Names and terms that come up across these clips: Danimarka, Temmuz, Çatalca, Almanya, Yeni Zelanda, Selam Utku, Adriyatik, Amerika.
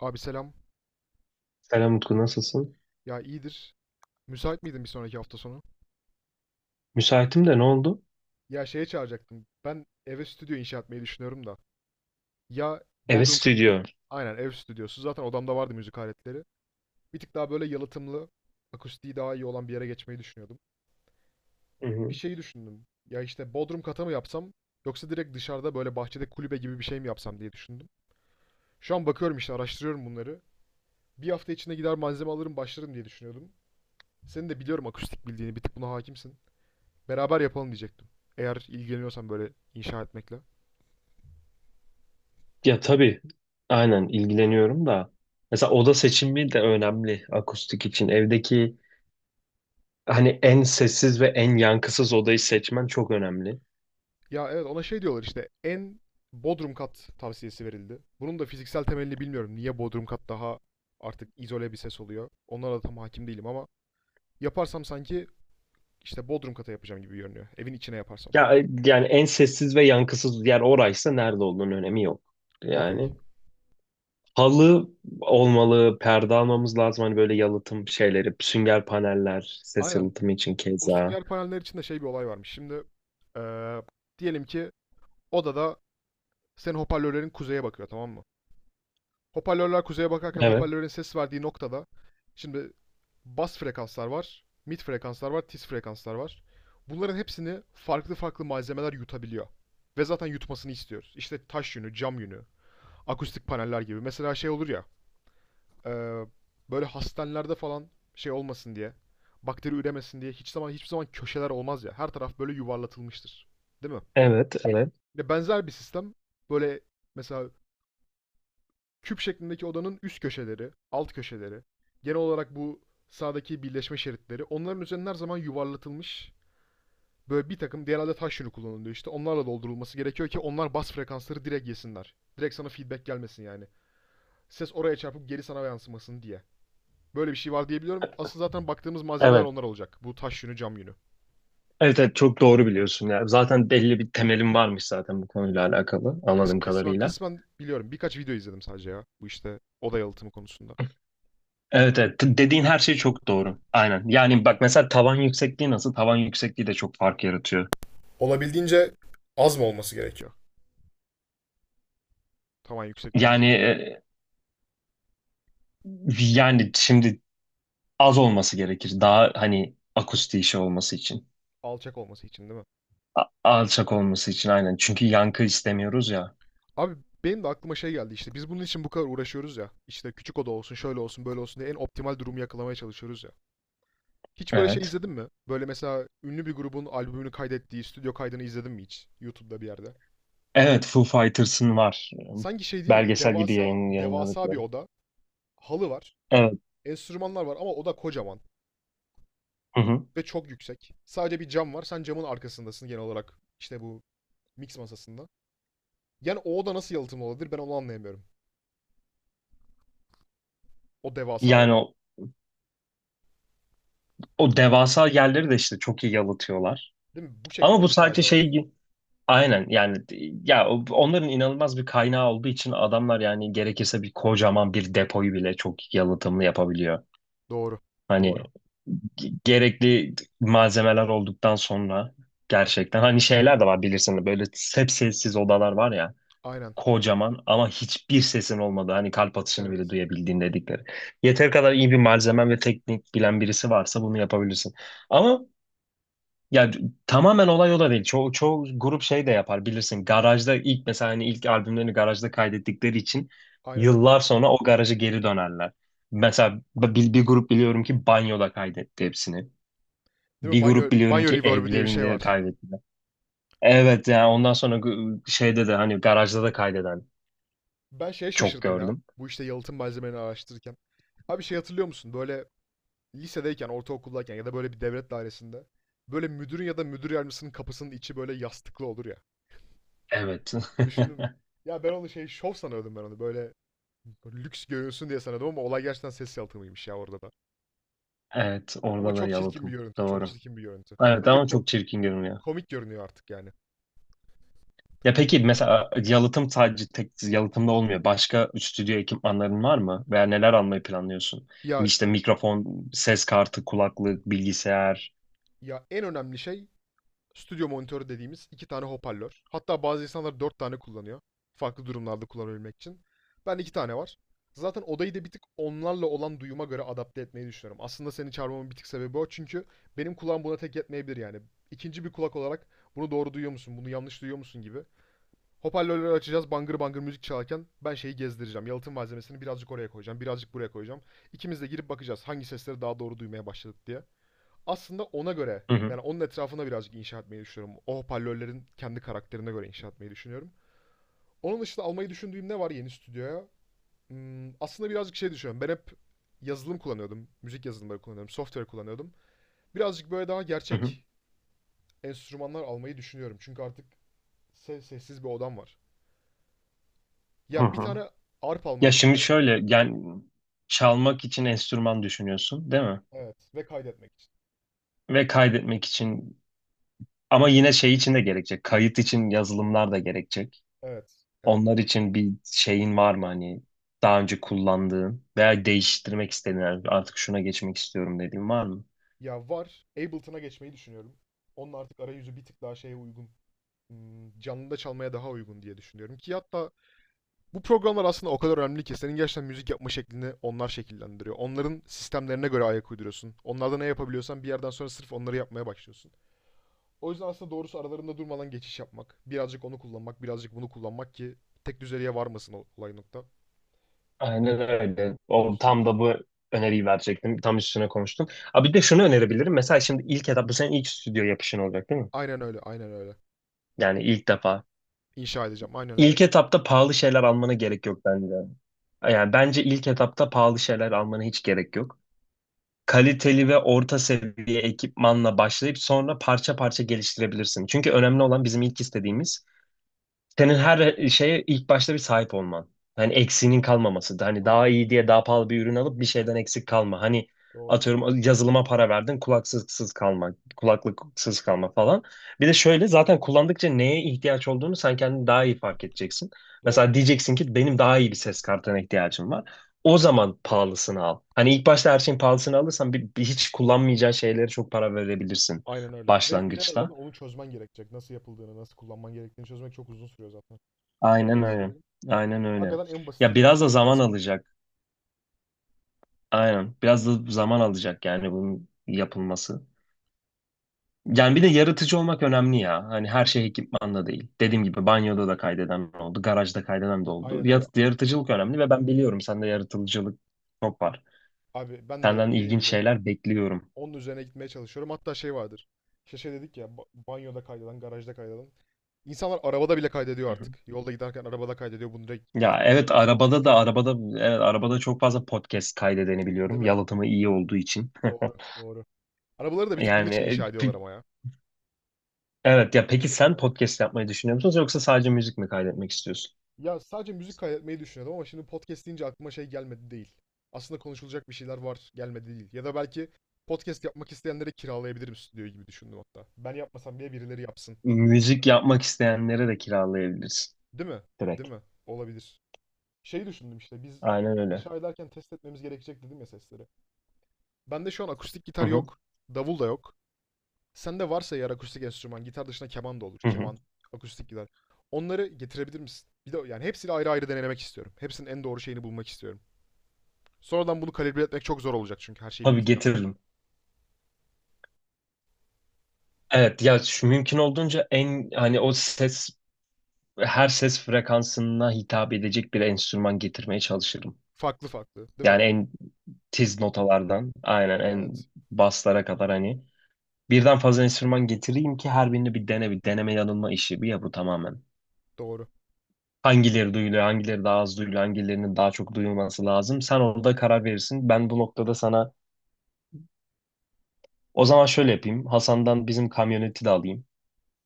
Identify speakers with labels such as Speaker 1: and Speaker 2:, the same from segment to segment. Speaker 1: Abi selam.
Speaker 2: Selam Utku, nasılsın?
Speaker 1: Ya iyidir. Müsait miydin bir sonraki hafta sonu?
Speaker 2: Müsaitim de ne oldu?
Speaker 1: Ya şeye çağıracaktım. Ben eve stüdyo inşa etmeyi düşünüyorum da. Ya
Speaker 2: Evet,
Speaker 1: Bodrum katı.
Speaker 2: stüdyo.
Speaker 1: Aynen ev stüdyosu. Zaten odamda vardı müzik aletleri. Bir tık daha böyle yalıtımlı, akustiği daha iyi olan bir yere geçmeyi düşünüyordum.
Speaker 2: Hı
Speaker 1: Bir
Speaker 2: hı.
Speaker 1: şeyi düşündüm. Ya işte Bodrum kata mı yapsam yoksa direkt dışarıda böyle bahçede kulübe gibi bir şey mi yapsam diye düşündüm. Şu an bakıyorum işte araştırıyorum bunları. Bir hafta içinde gider malzeme alırım başlarım diye düşünüyordum. Senin de biliyorum akustik bildiğini bir tık buna hakimsin. Beraber yapalım diyecektim. Eğer ilgileniyorsan böyle inşa etmekle.
Speaker 2: Ya tabii, aynen ilgileniyorum da mesela oda seçimi de önemli akustik için. Evdeki hani en sessiz ve en yankısız odayı seçmen çok önemli.
Speaker 1: Ya evet ona şey diyorlar işte bodrum kat tavsiyesi verildi. Bunun da fiziksel temelini bilmiyorum. Niye bodrum kat daha artık izole bir ses oluyor. Onlara da tam hakim değilim ama yaparsam sanki işte bodrum kata yapacağım gibi görünüyor. Evin içine yaparsam.
Speaker 2: Ya yani en sessiz ve yankısız yer oraysa nerede olduğunun önemi yok.
Speaker 1: Okey.
Speaker 2: Yani halı olmalı, perde almamız lazım. Hani böyle yalıtım şeyleri, sünger paneller, ses
Speaker 1: Aynen.
Speaker 2: yalıtımı için
Speaker 1: O
Speaker 2: keza.
Speaker 1: sünger paneller için de şey bir olay varmış. Şimdi eee, diyelim ki odada senin hoparlörlerin kuzeye bakıyor, tamam mı? Hoparlörler kuzeye bakarken
Speaker 2: Evet,
Speaker 1: hoparlörlerin ses verdiği noktada şimdi bas frekanslar var, mid frekanslar var, tiz frekanslar var. Bunların hepsini farklı farklı malzemeler yutabiliyor. Ve zaten yutmasını istiyoruz. İşte taş yünü, cam yünü, akustik paneller gibi. Mesela şey olur ya, e, böyle hastanelerde falan şey olmasın diye, bakteri üremesin diye hiçbir zaman köşeler olmaz ya. Her taraf böyle yuvarlatılmıştır. Değil mi?
Speaker 2: evet, evet.
Speaker 1: Ya benzer bir sistem böyle, mesela küp şeklindeki odanın üst köşeleri, alt köşeleri, genel olarak bu sağdaki birleşme şeritleri onların üzerine her zaman yuvarlatılmış, böyle bir takım genelde taş yünü kullanılıyor, işte onlarla doldurulması gerekiyor ki onlar bas frekansları direkt yesinler. Direkt sana feedback gelmesin yani. Ses oraya çarpıp geri sana yansımasın diye. Böyle bir şey var diyebiliyorum. Asıl zaten baktığımız malzemeler
Speaker 2: Evet,
Speaker 1: onlar olacak. Bu taş yünü, cam yünü.
Speaker 2: evet, evet çok doğru biliyorsun. Ya zaten belli bir temelim varmış zaten bu konuyla alakalı
Speaker 1: Kıs
Speaker 2: anladığım
Speaker 1: kısmen
Speaker 2: kadarıyla.
Speaker 1: kısmen biliyorum. Birkaç video izledim sadece ya. Bu işte oda yalıtımı konusunda.
Speaker 2: Evet, evet. Dediğin her şey çok doğru. Aynen. Yani bak mesela tavan yüksekliği nasıl? Tavan yüksekliği de çok fark yaratıyor.
Speaker 1: Olabildiğince az mı olması gerekiyor? Tamam,
Speaker 2: Yani
Speaker 1: yüksekliğimizin.
Speaker 2: yani şimdi az olması gerekir. Daha hani akustik işi olması için.
Speaker 1: Alçak olması için değil mi?
Speaker 2: Alçak olması için, aynen. Çünkü yankı istemiyoruz ya.
Speaker 1: Abi benim de aklıma şey geldi, işte biz bunun için bu kadar uğraşıyoruz ya. İşte küçük oda olsun, şöyle olsun, böyle olsun diye en optimal durumu yakalamaya çalışıyoruz ya. Hiç böyle şey
Speaker 2: Evet.
Speaker 1: izledin mi? Böyle mesela ünlü bir grubun albümünü kaydettiği stüdyo kaydını izledin mi hiç? YouTube'da bir yerde.
Speaker 2: Evet, Foo Fighters'ın var.
Speaker 1: Sanki şey değil mi?
Speaker 2: Belgesel gibi
Speaker 1: Devasa, devasa bir
Speaker 2: yayınladıkları.
Speaker 1: oda. Halı var.
Speaker 2: Evet.
Speaker 1: Enstrümanlar var ama oda kocaman
Speaker 2: Hı hı.
Speaker 1: ve çok yüksek. Sadece bir cam var. Sen camın arkasındasın genel olarak. İşte bu mix masasında. Yani o oda nasıl yalıtımlı olabilir, ben onu anlayamıyorum. O devasa
Speaker 2: Yani
Speaker 1: oda.
Speaker 2: o devasa yerleri de işte çok iyi yalıtıyorlar.
Speaker 1: Değil mi? Bu
Speaker 2: Ama
Speaker 1: şekilde
Speaker 2: bu
Speaker 1: inşa
Speaker 2: sadece
Speaker 1: ediyorlar.
Speaker 2: şey gibi. Aynen yani ya onların inanılmaz bir kaynağı olduğu için adamlar yani gerekirse bir kocaman bir depoyu bile çok yalıtımlı yapabiliyor.
Speaker 1: Doğru.
Speaker 2: Hani
Speaker 1: Doğru.
Speaker 2: gerekli malzemeler olduktan sonra gerçekten hani şeyler de var bilirsin böyle hep sessiz odalar var ya.
Speaker 1: Aynen.
Speaker 2: Kocaman ama hiçbir sesin olmadı. Hani kalp atışını bile
Speaker 1: Evet.
Speaker 2: duyabildiğin dedikleri. Yeter kadar iyi bir malzemen ve teknik bilen birisi varsa bunu yapabilirsin. Ama ya tamamen olay o da değil. Çoğu grup şey de yapar bilirsin. Garajda ilk mesela hani ilk albümlerini garajda kaydettikleri için
Speaker 1: Aynen öyle.
Speaker 2: yıllar sonra o garaja geri dönerler. Mesela bir grup biliyorum ki banyoda kaydetti hepsini.
Speaker 1: Değil mi?
Speaker 2: Bir
Speaker 1: Banyo,
Speaker 2: grup biliyorum
Speaker 1: banyo
Speaker 2: ki
Speaker 1: reverb'ü diye bir şey
Speaker 2: evlerinde
Speaker 1: var.
Speaker 2: kaydetti. Evet yani ondan sonra şeyde de hani garajda da kaydeden
Speaker 1: Ben şeye
Speaker 2: çok
Speaker 1: şaşırdım ya.
Speaker 2: gördüm.
Speaker 1: Bu işte yalıtım malzemelerini araştırırken. Abi şey hatırlıyor musun? Böyle lisedeyken, ortaokuldayken ya da böyle bir devlet dairesinde böyle müdürün ya da müdür yardımcısının kapısının içi böyle yastıklı olur ya.
Speaker 2: Evet.
Speaker 1: Düşündün mü? Ya ben onu şey şov sanıyordum, ben onu. Böyle lüks görünsün diye sanıyordum ama olay gerçekten ses yalıtımıymış ya, orada da.
Speaker 2: Evet,
Speaker 1: Ama
Speaker 2: orada da
Speaker 1: çok çirkin bir
Speaker 2: yalıtım.
Speaker 1: görüntü. Çok
Speaker 2: Doğru.
Speaker 1: çirkin bir görüntü.
Speaker 2: Evet
Speaker 1: Bence
Speaker 2: ama çok çirkin görünüyor.
Speaker 1: komik görünüyor artık yani.
Speaker 2: Ya peki mesela yalıtım sadece tek yalıtımda olmuyor. Başka stüdyo ekipmanların var mı? Veya neler almayı planlıyorsun?
Speaker 1: Ya
Speaker 2: İşte mikrofon, ses kartı, kulaklık, bilgisayar.
Speaker 1: ya en önemli şey stüdyo monitörü dediğimiz iki tane hoparlör. Hatta bazı insanlar dört tane kullanıyor. Farklı durumlarda kullanabilmek için. Ben iki tane var. Zaten odayı da bir tık onlarla olan duyuma göre adapte etmeyi düşünüyorum. Aslında seni çağırmamın bir tık sebebi o. Çünkü benim kulağım buna tek yetmeyebilir yani. İkinci bir kulak olarak bunu doğru duyuyor musun, bunu yanlış duyuyor musun gibi. Hoparlörleri açacağız, bangır bangır müzik çalarken ben şeyi gezdireceğim. Yalıtım malzemesini birazcık oraya koyacağım, birazcık buraya koyacağım. İkimiz de girip bakacağız hangi sesleri daha doğru duymaya başladık diye, aslında ona göre
Speaker 2: Hı hı,
Speaker 1: yani onun etrafına birazcık inşa etmeyi düşünüyorum. O hoparlörlerin kendi karakterine göre inşa etmeyi düşünüyorum. Onun dışında almayı düşündüğüm ne var yeni stüdyoya? Aslında birazcık şey düşünüyorum. Ben hep yazılım kullanıyordum. Müzik yazılımları kullanıyordum. Software kullanıyordum. Birazcık böyle daha
Speaker 2: hı hı,
Speaker 1: gerçek enstrümanlar almayı düşünüyorum. Çünkü artık sessiz bir odam var.
Speaker 2: hı
Speaker 1: Ya bir
Speaker 2: hı.
Speaker 1: tane arp
Speaker 2: Ya
Speaker 1: almayı
Speaker 2: şimdi
Speaker 1: düşünüyorum.
Speaker 2: şöyle yani çalmak için enstrüman düşünüyorsun, değil mi?
Speaker 1: Evet. Ve kaydetmek için.
Speaker 2: Ve kaydetmek için ama yine şey için de gerekecek. Kayıt için yazılımlar da gerekecek.
Speaker 1: Evet. Evet.
Speaker 2: Onlar için bir şeyin var mı hani daha önce kullandığın veya değiştirmek istediğin yani artık şuna geçmek istiyorum dediğin var mı?
Speaker 1: Ya var. Ableton'a geçmeyi düşünüyorum. Onun artık arayüzü bir tık daha şeye uygun, canlıda çalmaya daha uygun diye düşünüyorum ki hatta bu programlar aslında o kadar önemli ki senin gerçekten müzik yapma şeklini onlar şekillendiriyor. Onların sistemlerine göre ayak uyduruyorsun. Onlarda ne yapabiliyorsan bir yerden sonra sırf onları yapmaya başlıyorsun. O yüzden aslında doğrusu aralarında durmadan geçiş yapmak. Birazcık onu kullanmak, birazcık bunu kullanmak ki tek düzeliğe varmasın o olay nokta.
Speaker 2: Aynen öyle. O,
Speaker 1: Akustik.
Speaker 2: tam da bu öneriyi verecektim. Tam üstüne konuştum. Abi bir de şunu önerebilirim. Mesela şimdi ilk etap bu senin ilk stüdyo yapışın olacak, değil mi?
Speaker 1: Aynen öyle, aynen öyle.
Speaker 2: Yani ilk defa.
Speaker 1: İnşa edeceğim, aynen öyle.
Speaker 2: İlk etapta pahalı şeyler almana gerek yok bence. Yani bence ilk etapta pahalı şeyler almana hiç gerek yok. Kaliteli ve orta seviye ekipmanla başlayıp sonra parça parça geliştirebilirsin. Çünkü önemli olan bizim ilk istediğimiz, senin her şeye ilk başta bir sahip olman. Hani eksiğinin kalmaması. Hani daha
Speaker 1: Doğru,
Speaker 2: iyi diye daha pahalı bir ürün alıp bir şeyden eksik kalma. Hani
Speaker 1: doğru,
Speaker 2: atıyorum yazılıma para verdin, kulaksızsız kalma, kulaklıksız kalma falan. Bir de şöyle zaten kullandıkça neye ihtiyaç olduğunu sen kendin daha iyi fark edeceksin.
Speaker 1: doğru.
Speaker 2: Mesela diyeceksin ki benim daha iyi bir ses kartına ihtiyacım var. O zaman pahalısını al. Hani ilk başta her şeyin pahalısını alırsan bir hiç kullanmayacağın şeylere çok para verebilirsin
Speaker 1: Aynen öyle. Ve bir de zaten
Speaker 2: başlangıçta.
Speaker 1: onu çözmen gerekecek. Nasıl yapıldığını, nasıl kullanman gerektiğini çözmek çok uzun sürüyor zaten.
Speaker 2: Aynen
Speaker 1: Kompleks
Speaker 2: öyle.
Speaker 1: şeyleri.
Speaker 2: Aynen öyle.
Speaker 1: Hakikaten en
Speaker 2: Ya
Speaker 1: basitiyle
Speaker 2: biraz da
Speaker 1: başlamak
Speaker 2: zaman
Speaker 1: lazım.
Speaker 2: alacak. Aynen. Biraz da zaman alacak yani bunun yapılması. Yani bir de yaratıcı olmak önemli ya. Hani her şey ekipmanla değil. Dediğim gibi banyoda da kaydeden oldu, garajda kaydeden de oldu.
Speaker 1: Aynen öyle.
Speaker 2: Yaratıcılık önemli ve ben biliyorum sende yaratıcılık çok var.
Speaker 1: Abi ben de
Speaker 2: Senden
Speaker 1: dediğim
Speaker 2: ilginç
Speaker 1: gibi
Speaker 2: şeyler bekliyorum.
Speaker 1: onun üzerine gitmeye çalışıyorum. Hatta şey vardır. İşte şey dedik ya, banyoda kaydeden, garajda kaydeden. İnsanlar arabada bile kaydediyor
Speaker 2: Hı hı.
Speaker 1: artık. Yolda giderken arabada kaydediyor. Bunu direkt
Speaker 2: Ya
Speaker 1: YouTube'a
Speaker 2: evet,
Speaker 1: atıyor.
Speaker 2: arabada da arabada, evet arabada çok fazla podcast kaydedeni
Speaker 1: Değil
Speaker 2: biliyorum.
Speaker 1: mi?
Speaker 2: Yalıtımı iyi olduğu için.
Speaker 1: Doğru, doğru. Arabaları da bir tık bunun için
Speaker 2: Yani
Speaker 1: inşa ediyorlar ama ya.
Speaker 2: evet ya,
Speaker 1: İyi
Speaker 2: peki sen
Speaker 1: yapıyorlar.
Speaker 2: podcast yapmayı düşünüyor musun yoksa sadece müzik mi kaydetmek istiyorsun?
Speaker 1: Ya sadece müzik kaydetmeyi düşünüyordum ama şimdi podcast deyince aklıma şey gelmedi değil. Aslında konuşulacak bir şeyler var, gelmedi değil. Ya da belki podcast yapmak isteyenlere kiralayabilirim stüdyoyu gibi düşündüm hatta. Ben yapmasam bile birileri yapsın gibi düşündüm.
Speaker 2: Müzik yapmak isteyenlere de kiralayabilirsin
Speaker 1: Değil mi?
Speaker 2: direkt.
Speaker 1: Değil mi? Olabilir. Şey düşündüm, işte biz
Speaker 2: Aynen öyle.
Speaker 1: inşa ederken test etmemiz gerekecek dedim ya sesleri. Bende şu an akustik
Speaker 2: Hı
Speaker 1: gitar
Speaker 2: hı,
Speaker 1: yok. Davul da yok. Sende varsa eğer akustik enstrüman, gitar dışında keman da olur.
Speaker 2: hı hı.
Speaker 1: Keman, akustik gitar. Onları getirebilir misin? Bir de yani hepsini ayrı ayrı denemek istiyorum. Hepsinin en doğru şeyini bulmak istiyorum. Sonradan bunu kalibre etmek çok zor olacak çünkü her şey
Speaker 2: Tabii
Speaker 1: bittikten sonra.
Speaker 2: getiririm. Evet ya şu mümkün olduğunca en hani o ses, her ses frekansına hitap edecek bir enstrüman getirmeye çalışırım.
Speaker 1: Farklı farklı, değil mi?
Speaker 2: Yani en tiz notalardan aynen en
Speaker 1: Evet,
Speaker 2: baslara kadar hani birden fazla enstrüman getireyim ki her birini bir dene, bir deneme yanılma işi bir ya bu tamamen.
Speaker 1: doğru.
Speaker 2: Hangileri duyuluyor, hangileri daha az duyuluyor, hangilerinin daha çok duyulması lazım. Sen orada karar verirsin. Ben bu noktada sana o zaman şöyle yapayım. Hasan'dan bizim kamyoneti de alayım.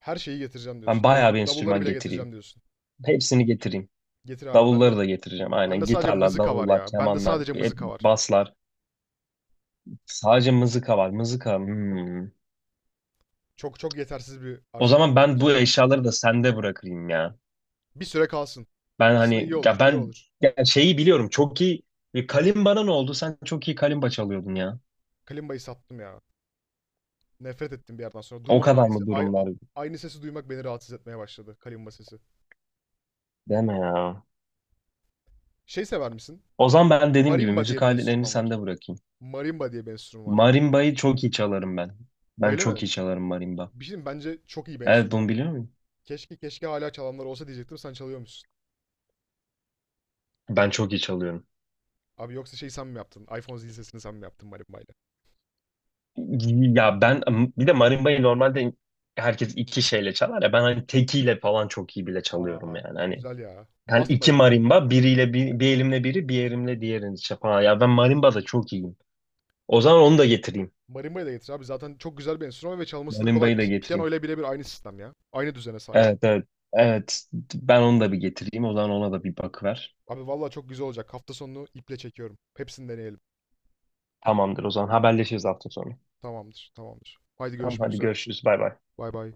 Speaker 1: Her şeyi getireceğim
Speaker 2: Ben
Speaker 1: diyorsun.
Speaker 2: bayağı bir
Speaker 1: Davulları
Speaker 2: enstrüman
Speaker 1: bile getireceğim
Speaker 2: getireyim.
Speaker 1: diyorsun.
Speaker 2: Hepsini getireyim.
Speaker 1: Getir abi. Ben de
Speaker 2: Davulları da getireceğim.
Speaker 1: ben
Speaker 2: Aynen,
Speaker 1: de sadece
Speaker 2: gitarlar,
Speaker 1: mızıka var
Speaker 2: davullar,
Speaker 1: ya. Ben de
Speaker 2: kemanlar,
Speaker 1: sadece
Speaker 2: hep
Speaker 1: mızıka var.
Speaker 2: baslar. Sadece mızıka var. Mızıka. Hmm.
Speaker 1: Çok çok yetersiz bir
Speaker 2: O
Speaker 1: arşivim
Speaker 2: zaman
Speaker 1: var
Speaker 2: ben
Speaker 1: henüz
Speaker 2: bu
Speaker 1: ya.
Speaker 2: eşyaları da sende bırakayım ya.
Speaker 1: Bir süre kalsın.
Speaker 2: Ben
Speaker 1: Aslında iyi
Speaker 2: hani
Speaker 1: olur,
Speaker 2: ya
Speaker 1: iyi
Speaker 2: ben
Speaker 1: olur.
Speaker 2: ya şeyi biliyorum. Çok iyi. E, Kalimbana ne oldu? Sen çok iyi kalimba çalıyordun ya.
Speaker 1: Kalimba'yı sattım ya. Nefret ettim bir yerden sonra.
Speaker 2: O
Speaker 1: Durmadan aynı,
Speaker 2: kadar
Speaker 1: se-
Speaker 2: mı
Speaker 1: ay- a-
Speaker 2: durumlar?
Speaker 1: aynı sesi duymak beni rahatsız etmeye başladı. Kalimba sesi.
Speaker 2: Deme ya.
Speaker 1: Şey sever misin?
Speaker 2: O zaman ben dediğim gibi
Speaker 1: Marimba diye
Speaker 2: müzik
Speaker 1: bir
Speaker 2: aletlerini
Speaker 1: enstrüman
Speaker 2: sende
Speaker 1: var.
Speaker 2: bırakayım.
Speaker 1: Marimba diye bir enstrüman var.
Speaker 2: Marimba'yı çok iyi çalarım ben. Ben
Speaker 1: Öyle
Speaker 2: çok
Speaker 1: mi?
Speaker 2: iyi çalarım marimba.
Speaker 1: Bir şey diyeyim mi? Bence çok iyi bir
Speaker 2: Evet, bunu
Speaker 1: enstrüman.
Speaker 2: biliyor muyum?
Speaker 1: Keşke keşke hala çalanlar olsa diyecektim, sen çalıyormuşsun.
Speaker 2: Ben çok iyi çalıyorum.
Speaker 1: Abi yoksa şey sen mi yaptın? iPhone zil sesini sen mi yaptın marimbayla?
Speaker 2: Ya ben bir de marimba'yı normalde herkes iki şeyle çalar ya, ben hani tekiyle falan çok iyi bile çalıyorum
Speaker 1: Aa
Speaker 2: yani hani
Speaker 1: güzel ya.
Speaker 2: yani
Speaker 1: Bas
Speaker 2: iki
Speaker 1: marimba.
Speaker 2: marimba biriyle, bir bir elimle biri bir elimle diğerini işte falan ya ben marimba da çok iyiyim. O zaman onu da getireyim.
Speaker 1: Marimba'yı da getir abi. Zaten çok güzel bir enstrüman ve çalması da kolay.
Speaker 2: Marimba'yı da
Speaker 1: Piyano
Speaker 2: getireyim.
Speaker 1: ile birebir aynı sistem ya. Aynı düzene sahip.
Speaker 2: Evet, evet, evet, ben onu da bir getireyim o zaman ona da bir bakıver.
Speaker 1: Abi vallahi çok güzel olacak. Hafta sonunu iple çekiyorum. Hepsini deneyelim.
Speaker 2: Tamamdır, o zaman haberleşiriz hafta sonu.
Speaker 1: Tamamdır, tamamdır. Haydi
Speaker 2: Tamam
Speaker 1: görüşmek
Speaker 2: hadi
Speaker 1: üzere.
Speaker 2: görüşürüz. Bay bay.
Speaker 1: Bay bay.